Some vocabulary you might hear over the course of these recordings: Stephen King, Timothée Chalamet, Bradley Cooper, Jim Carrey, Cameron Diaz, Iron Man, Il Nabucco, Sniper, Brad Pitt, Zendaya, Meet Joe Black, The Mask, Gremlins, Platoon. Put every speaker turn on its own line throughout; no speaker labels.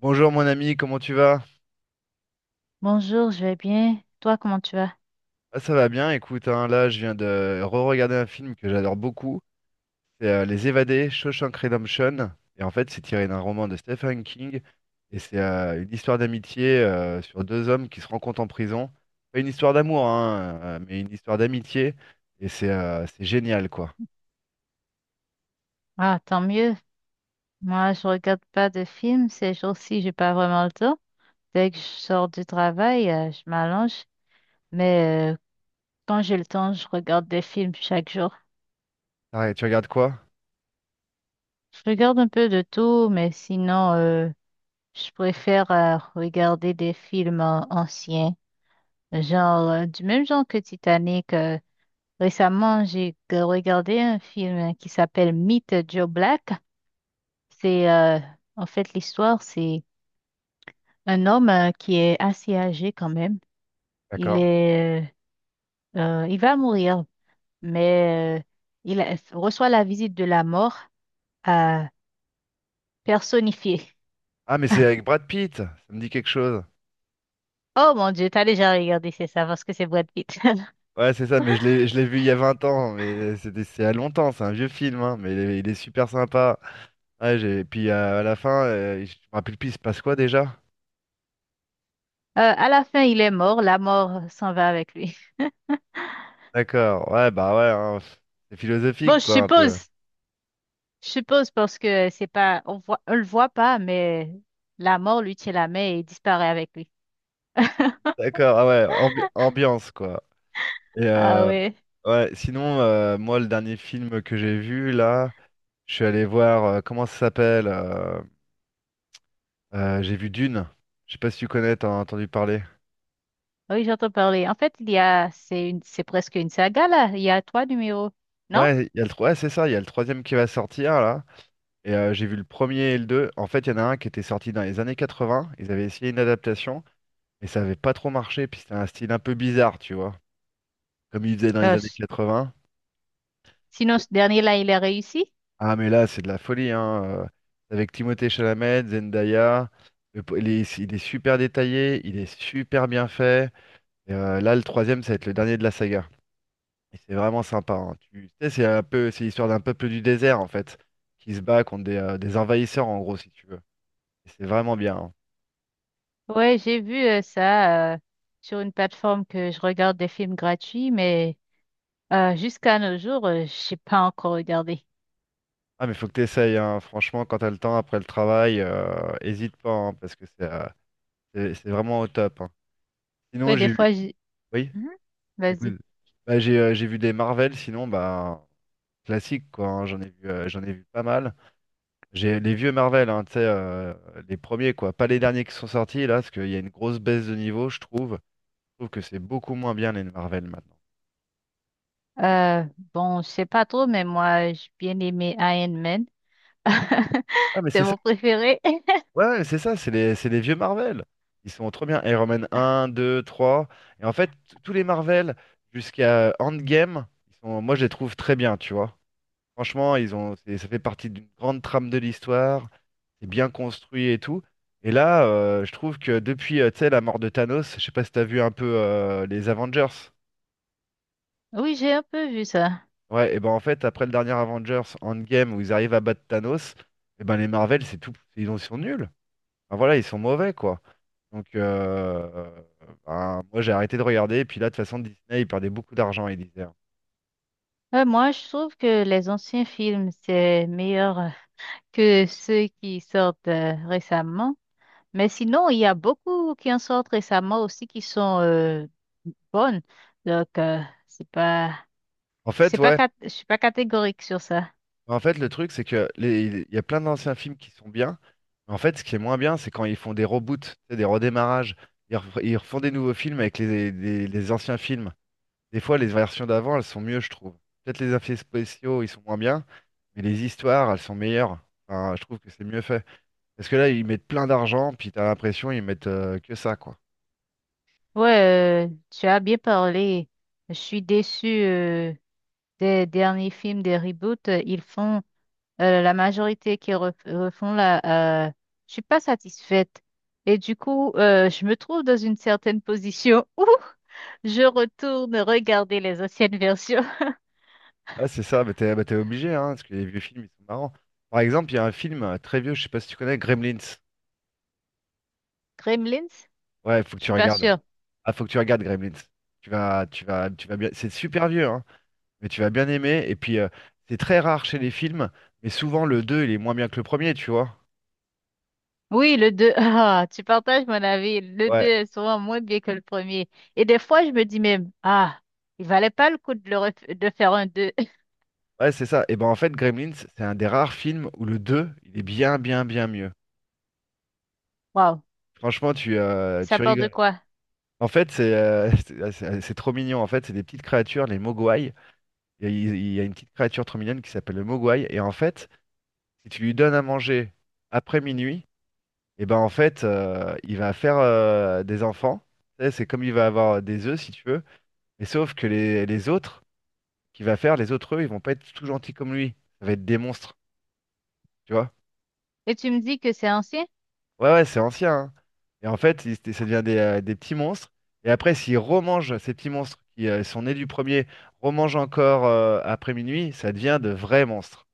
Bonjour mon ami, comment tu vas?
Bonjour, je vais bien. Toi, comment tu vas?
Ah, ça va bien, écoute, hein, là je viens de re-regarder un film que j'adore beaucoup, c'est Les Évadés, Shawshank Redemption, et en fait c'est tiré d'un roman de Stephen King, et c'est une histoire d'amitié sur deux hommes qui se rencontrent en prison. Pas une histoire d'amour, hein, mais une histoire d'amitié, et c'est génial quoi.
Ah, tant mieux. Moi, je regarde pas de films ces jours-ci, j'ai pas vraiment le temps. Dès que je sors du travail, je m'allonge. Mais quand j'ai le temps, je regarde des films chaque jour.
Arrête, tu regardes quoi?
Je regarde un peu de tout, mais sinon, je préfère regarder des films anciens, genre du même genre que Titanic. Récemment, j'ai regardé un film qui s'appelle Meet Joe Black. C'est en fait, l'histoire, c'est un homme qui est assez âgé quand même, il
D'accord.
est, il va mourir, mais reçoit la visite de la mort euh, personnifiée.
Ah mais c'est avec Brad Pitt, ça me dit quelque chose.
Oh mon Dieu, t'as déjà regardé, c'est ça, parce que c'est Brad Pitt.
Ouais c'est ça, mais je l'ai vu il y a 20 ans, mais c'est à longtemps, c'est un vieux film, hein, mais il est super sympa. Ouais, puis à la fin, je me rappelle plus, il se passe quoi déjà?
À la fin, il est mort, la mort s'en va avec lui.
D'accord, ouais, bah ouais, hein, c'est
Bon,
philosophique,
je
quoi, un
suppose,
peu.
je suppose parce que c'est pas, on voit, on le voit pas, mais la mort lui tient la main et disparaît avec lui.
D'accord, ah ouais, ambiance, quoi. Et
Ah oui.
ouais, sinon, moi, le dernier film que j'ai vu, là, je suis allé voir, comment ça s'appelle? J'ai vu Dune. Je sais pas si tu connais, t'en as entendu parler.
Oui, j'entends parler. En fait, il y a, c'est une, c'est presque une saga là. Il y a trois numéros, non?
Ouais, il y a ouais, c'est ça, il y a le troisième qui va sortir, là. Et j'ai vu le premier et le deux. En fait, il y en a un qui était sorti dans les années 80. Ils avaient essayé une adaptation. Mais ça avait pas trop marché, puis c'était un style un peu bizarre, tu vois, comme il faisait dans
Ben,
les années 80.
sinon, ce dernier là, il a réussi.
Ah, mais là, c'est de la folie, hein. Avec Timothée Chalamet, Zendaya, il est super détaillé, il est super bien fait. Et, là, le troisième, ça va être le dernier de la saga. Et c'est vraiment sympa, hein. Tu sais, c'est un peu, c'est l'histoire d'un peuple du désert, en fait, qui se bat contre des envahisseurs, en gros, si tu veux. Et c'est vraiment bien, hein.
Ouais, j'ai vu ça sur une plateforme que je regarde des films gratuits, mais jusqu'à nos jours, j'ai pas encore regardé.
Ah, mais faut que tu essayes. Franchement, quand t'as le temps après le travail, hésite pas, hein, parce que c'est vraiment au top, hein. Sinon,
Ouais, des
j'ai vu.
fois, j'ai...
Oui,
Mhm. Vas-y.
j'écoute. Bah, j'ai vu des Marvel, sinon, bah, classique, quoi, hein. J'en ai vu pas mal. J'ai les vieux Marvel, hein, tu sais, les premiers, quoi. Pas les derniers qui sont sortis, là, parce qu'il y a une grosse baisse de niveau, je trouve. Je trouve que c'est beaucoup moins bien, les Marvel, maintenant.
Euh, bon, je sais pas trop, mais moi, j'ai bien aimé Iron Man.
Ah, mais
C'est
c'est ça.
mon préféré.
Ouais, ouais, c'est ça, c'est les vieux Marvel. Ils sont trop bien. Iron Man un, deux, trois. Et en fait, tous les Marvel, jusqu'à Endgame, ils sont, moi, je les trouve très bien, tu vois. Franchement, ils ont, ça fait partie d'une grande trame de l'histoire. C'est bien construit et tout. Et là, je trouve que depuis, tu sais, la mort de Thanos, je sais pas si t'as vu un peu les Avengers.
Oui, j'ai un peu vu ça.
Ouais, et ben en fait, après le dernier Avengers Endgame où ils arrivent à battre Thanos, et ben les Marvel, c'est tout, ils sont nuls. Enfin, voilà, ils sont mauvais quoi. Donc ben, moi j'ai arrêté de regarder. Et puis là, de toute façon, Disney, ils perdaient beaucoup d'argent, ils disaient.
Ouais, moi, je trouve que les anciens films, c'est meilleur que ceux qui sortent récemment. Mais sinon, il y a beaucoup qui en sortent récemment aussi qui sont bonnes. Donc, c'est pas,
En fait, ouais.
je suis pas catégorique sur ça.
En fait, le truc, c'est que il y a plein d'anciens films qui sont bien. Mais en fait, ce qui est moins bien, c'est quand ils font des reboots, tu sais, des redémarrages. Ils refont des nouveaux films avec les anciens films. Des fois, les versions d'avant, elles sont mieux, je trouve. Peut-être les effets spéciaux, ils sont moins bien, mais les histoires, elles sont meilleures. Enfin, je trouve que c'est mieux fait. Parce que là, ils mettent plein d'argent, puis t'as l'impression ils mettent que ça, quoi.
Ouais, tu as bien parlé. Je suis déçue des derniers films, des reboots. Ils font la majorité qui refont la, je suis pas satisfaite. Et du coup, je me trouve dans une certaine position où je retourne regarder les anciennes versions.
Ah, c'est ça, t'es obligé, hein, parce que les vieux films, ils sont marrants. Par exemple, il y a un film très vieux, je sais pas si tu connais, Gremlins.
Gremlins?
Ouais, faut que
Je
tu
suis pas
regardes.
sûre.
Ah, faut que tu regardes Gremlins. Tu vas bien. C'est super vieux, hein, mais tu vas bien aimer. Et puis, c'est très rare chez les films, mais souvent le 2 il est moins bien que le premier, tu vois.
Oui, le 2. Ah, tu partages mon avis. Le deux
Ouais,
est souvent moins bien que le premier. Et des fois, je me dis même, ah, il valait pas le coup de, le de faire un deux.
ouais, c'est ça. Et ben en fait, Gremlins, c'est un des rares films où le 2 il est bien, bien, bien mieux.
Waouh,
Franchement, tu, euh,
ça
tu
part de
rigoles.
quoi?
En fait, c'est c'est trop mignon. En fait, c'est des petites créatures, les Mogwai. Il y a une petite créature trop mignonne qui s'appelle le Mogwai. Et en fait, si tu lui donnes à manger après minuit, et ben en fait, il va faire des enfants. Tu sais, c'est comme il va avoir des œufs, si tu veux. Mais sauf que les autres qu'il va faire, les autres œufs, ils vont pas être tout gentils comme lui. Ça va être des monstres, tu vois.
Et tu me dis que c'est ancien?
Ouais, ouais, c'est ancien, hein. Et en fait, ça devient des petits monstres. Et après, s'ils remangent ces petits monstres qui sont nés du premier, remangent encore après minuit, ça devient de vrais monstres.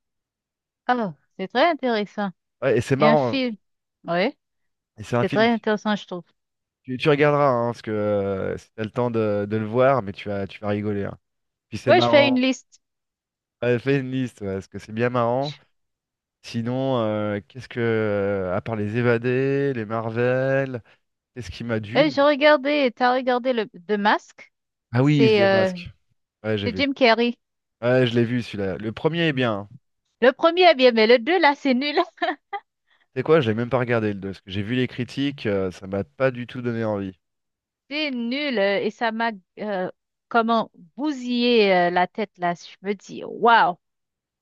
Oh, c'est très intéressant.
Ouais, et c'est
Et un
marrant, hein.
film? Oui.
Et c'est un
C'est
film,
très
tu,
intéressant, je trouve.
tu- tu regarderas, hein, parce que si t'as le temps de le voir, mais tu vas rigoler, hein. Puis c'est
Ouais, je fais une
marrant.
liste.
Ouais, fais une liste, ouais, parce que c'est bien marrant. Sinon, qu'est-ce que, à part les Évadés, les Marvel, qu'est-ce qui m'a
Et
d'une?
j'ai regardé, t'as regardé le The Mask?
Ah oui, Is
C'est
the
euh,
Mask. Ouais, j'ai
c'est
vu.
Jim Carrey.
Ouais, je l'ai vu celui-là. Le premier est bien, hein.
Le premier est bien, mais le deux, là, c'est nul.
C'est quoi? Je l'ai même pas regardé le deux, parce que j'ai vu les critiques, ça m'a pas du tout donné envie.
C'est nul. Et ça m'a euh, comment bousillé la tête, là. Je me dis, waouh,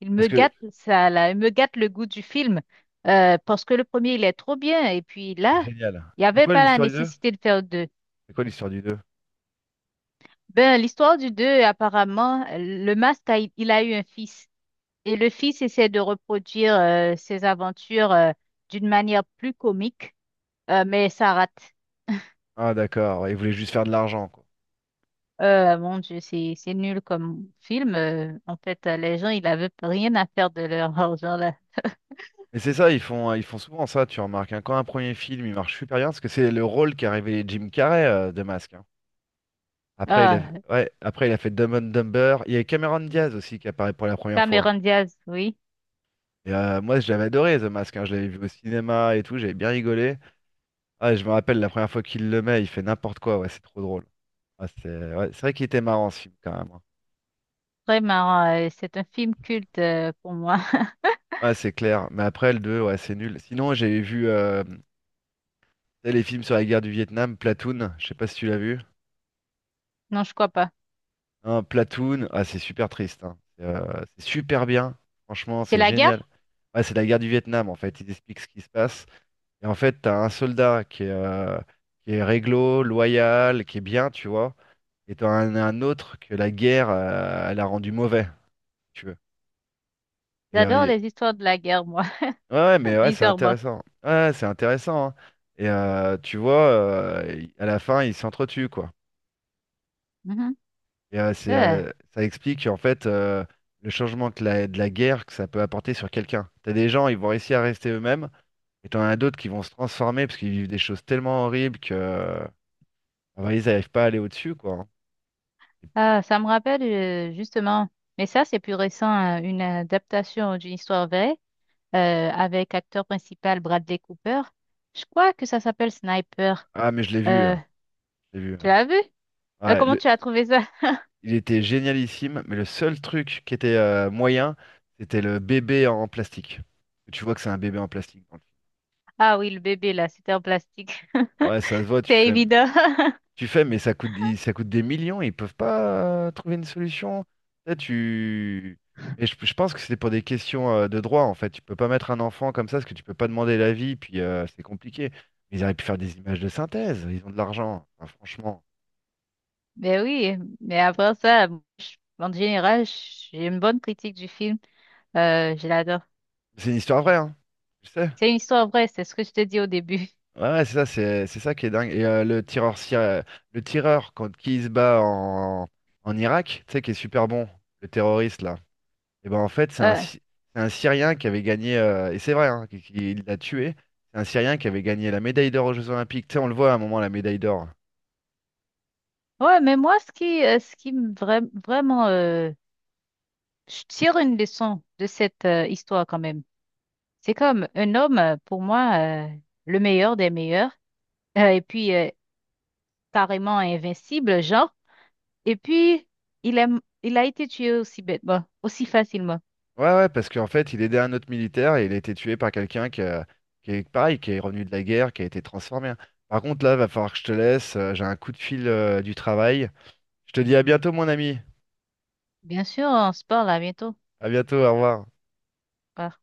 il me
Parce que,
gâte ça, là. Il me gâte le goût du film. Parce que le premier, il est trop bien. Et puis là,
génial.
il n'y
C'est
avait
quoi
pas la
l'histoire du 2?
nécessité de faire deux.
C'est quoi l'histoire du 2?
Ben, l'histoire du deux, apparemment, le masque, il a eu un fils. Et le fils essaie de reproduire ses aventures d'une manière plus comique, mais ça rate.
Ah d'accord, ouais, ils voulaient juste faire de l'argent, quoi.
Mon Dieu, c'est nul comme film. En fait, les gens, ils n'avaient rien à faire de leur argent là.
Mais c'est ça, ils font souvent ça, tu remarques, hein. Quand un premier film, il marche super bien, parce que c'est le rôle qu'a révélé Jim Carrey, de masque. Après, il a,
Ah,
ouais, après, il a fait Dumb and Dumber. Il y a Cameron Diaz aussi qui apparaît pour la première fois.
Cameron Diaz, oui,
Et moi, j'avais adoré The Mask, hein. Je l'avais vu au cinéma et tout. J'avais bien rigolé. Ah, je me rappelle la première fois qu'il le met, il fait n'importe quoi. Ouais, c'est trop drôle. Ah, c'est ouais, c'est vrai qu'il était marrant ce film quand même, hein.
très marrant. C'est un film culte pour moi.
Ouais, c'est clair. Mais après, le deux, ouais, c'est nul. Sinon, j'avais vu tu sais, les films sur la guerre du Vietnam, Platoon. Je sais pas si tu l'as vu.
Non, je crois pas.
Hein, Platoon, ah, c'est super triste, hein. C'est super bien. Franchement,
C'est
c'est
la guerre?
génial. Ouais, c'est la guerre du Vietnam en fait. Ils expliquent ce qui se passe. Et en fait, t'as un soldat qui est réglo, loyal, qui est bien, tu vois. Et t'en as un autre que la guerre, elle a rendu mauvais, si tu veux. Et,
J'adore les histoires de la guerre, moi,
ouais, ouais, mais ouais, c'est
bizarrement.
intéressant. Ouais, c'est intéressant, hein. Et tu vois, à la fin, ils s'entretuent, quoi.
Mhm.
Et
Euh,
ça explique, en fait, le changement que de la guerre que ça peut apporter sur quelqu'un. T'as des gens, ils vont réussir à rester eux-mêmes. Et t'en as d'autres qui vont se transformer parce qu'ils vivent des choses tellement horribles que, bah, ils n'arrivent pas à aller au-dessus, quoi, hein.
ah, ça me rappelle justement, mais ça, c'est plus récent, une adaptation d'une histoire vraie. Avec acteur principal Bradley Cooper. Je crois que ça s'appelle Sniper.
Ah, mais je l'ai vu.
Euh,
Je l'ai vu.
tu l'as vu? Euh,
Ouais,
comment
le-
tu as trouvé ça?
Il était génialissime, mais le seul truc qui était moyen, c'était le bébé en plastique. Tu vois que c'est un bébé en plastique dans le
Ah oui, le bébé là, c'était en plastique.
film. Ouais, ça se voit, tu
C'était
fais.
évident.
Tu fais, mais ça coûte des millions, ils peuvent pas trouver une solution. Là, tu... Et je pense que c'était pour des questions de droit, en fait. Tu peux pas mettre un enfant comme ça, parce que tu peux pas demander l'avis, puis c'est compliqué. Mais ils auraient pu faire des images de synthèse, ils ont de l'argent. Enfin, franchement.
Mais oui, mais après ça, en général, j'ai une bonne critique du film. Je l'adore.
C'est une histoire vraie, hein. Je sais.
C'est une histoire vraie, c'est ce que je te dis au début.
Ouais, ouais, c'est ça, c'est ça qui est dingue. Et le tireur quand qui il se bat en Irak, tu sais, qui est super bon, le terroriste là. Et ben en fait,
Euh,
C'est un Syrien qui avait gagné, et c'est vrai, hein, il l'a tué. C'est un Syrien qui avait gagné la médaille d'or aux Jeux Olympiques. Tu sais, on le voit à un moment, la médaille d'or.
ouais, mais moi, ce qui, me vraiment, je tire une leçon de cette histoire quand même. C'est comme un homme, pour moi, le meilleur des meilleurs, et puis carrément invincible, genre. Et puis, il a, il a été tué aussi bêtement, aussi facilement.
Ouais, ouais, parce qu'en fait, il aidait un autre militaire et il a été tué par quelqu'un qui est pareil, qui est revenu de la guerre, qui a été transformé, hein. Par contre, là, va falloir que je te laisse. J'ai un coup de fil, du travail. Je te dis à bientôt, mon ami.
Bien sûr, on se parle à bientôt.
À bientôt, au revoir.
Bye.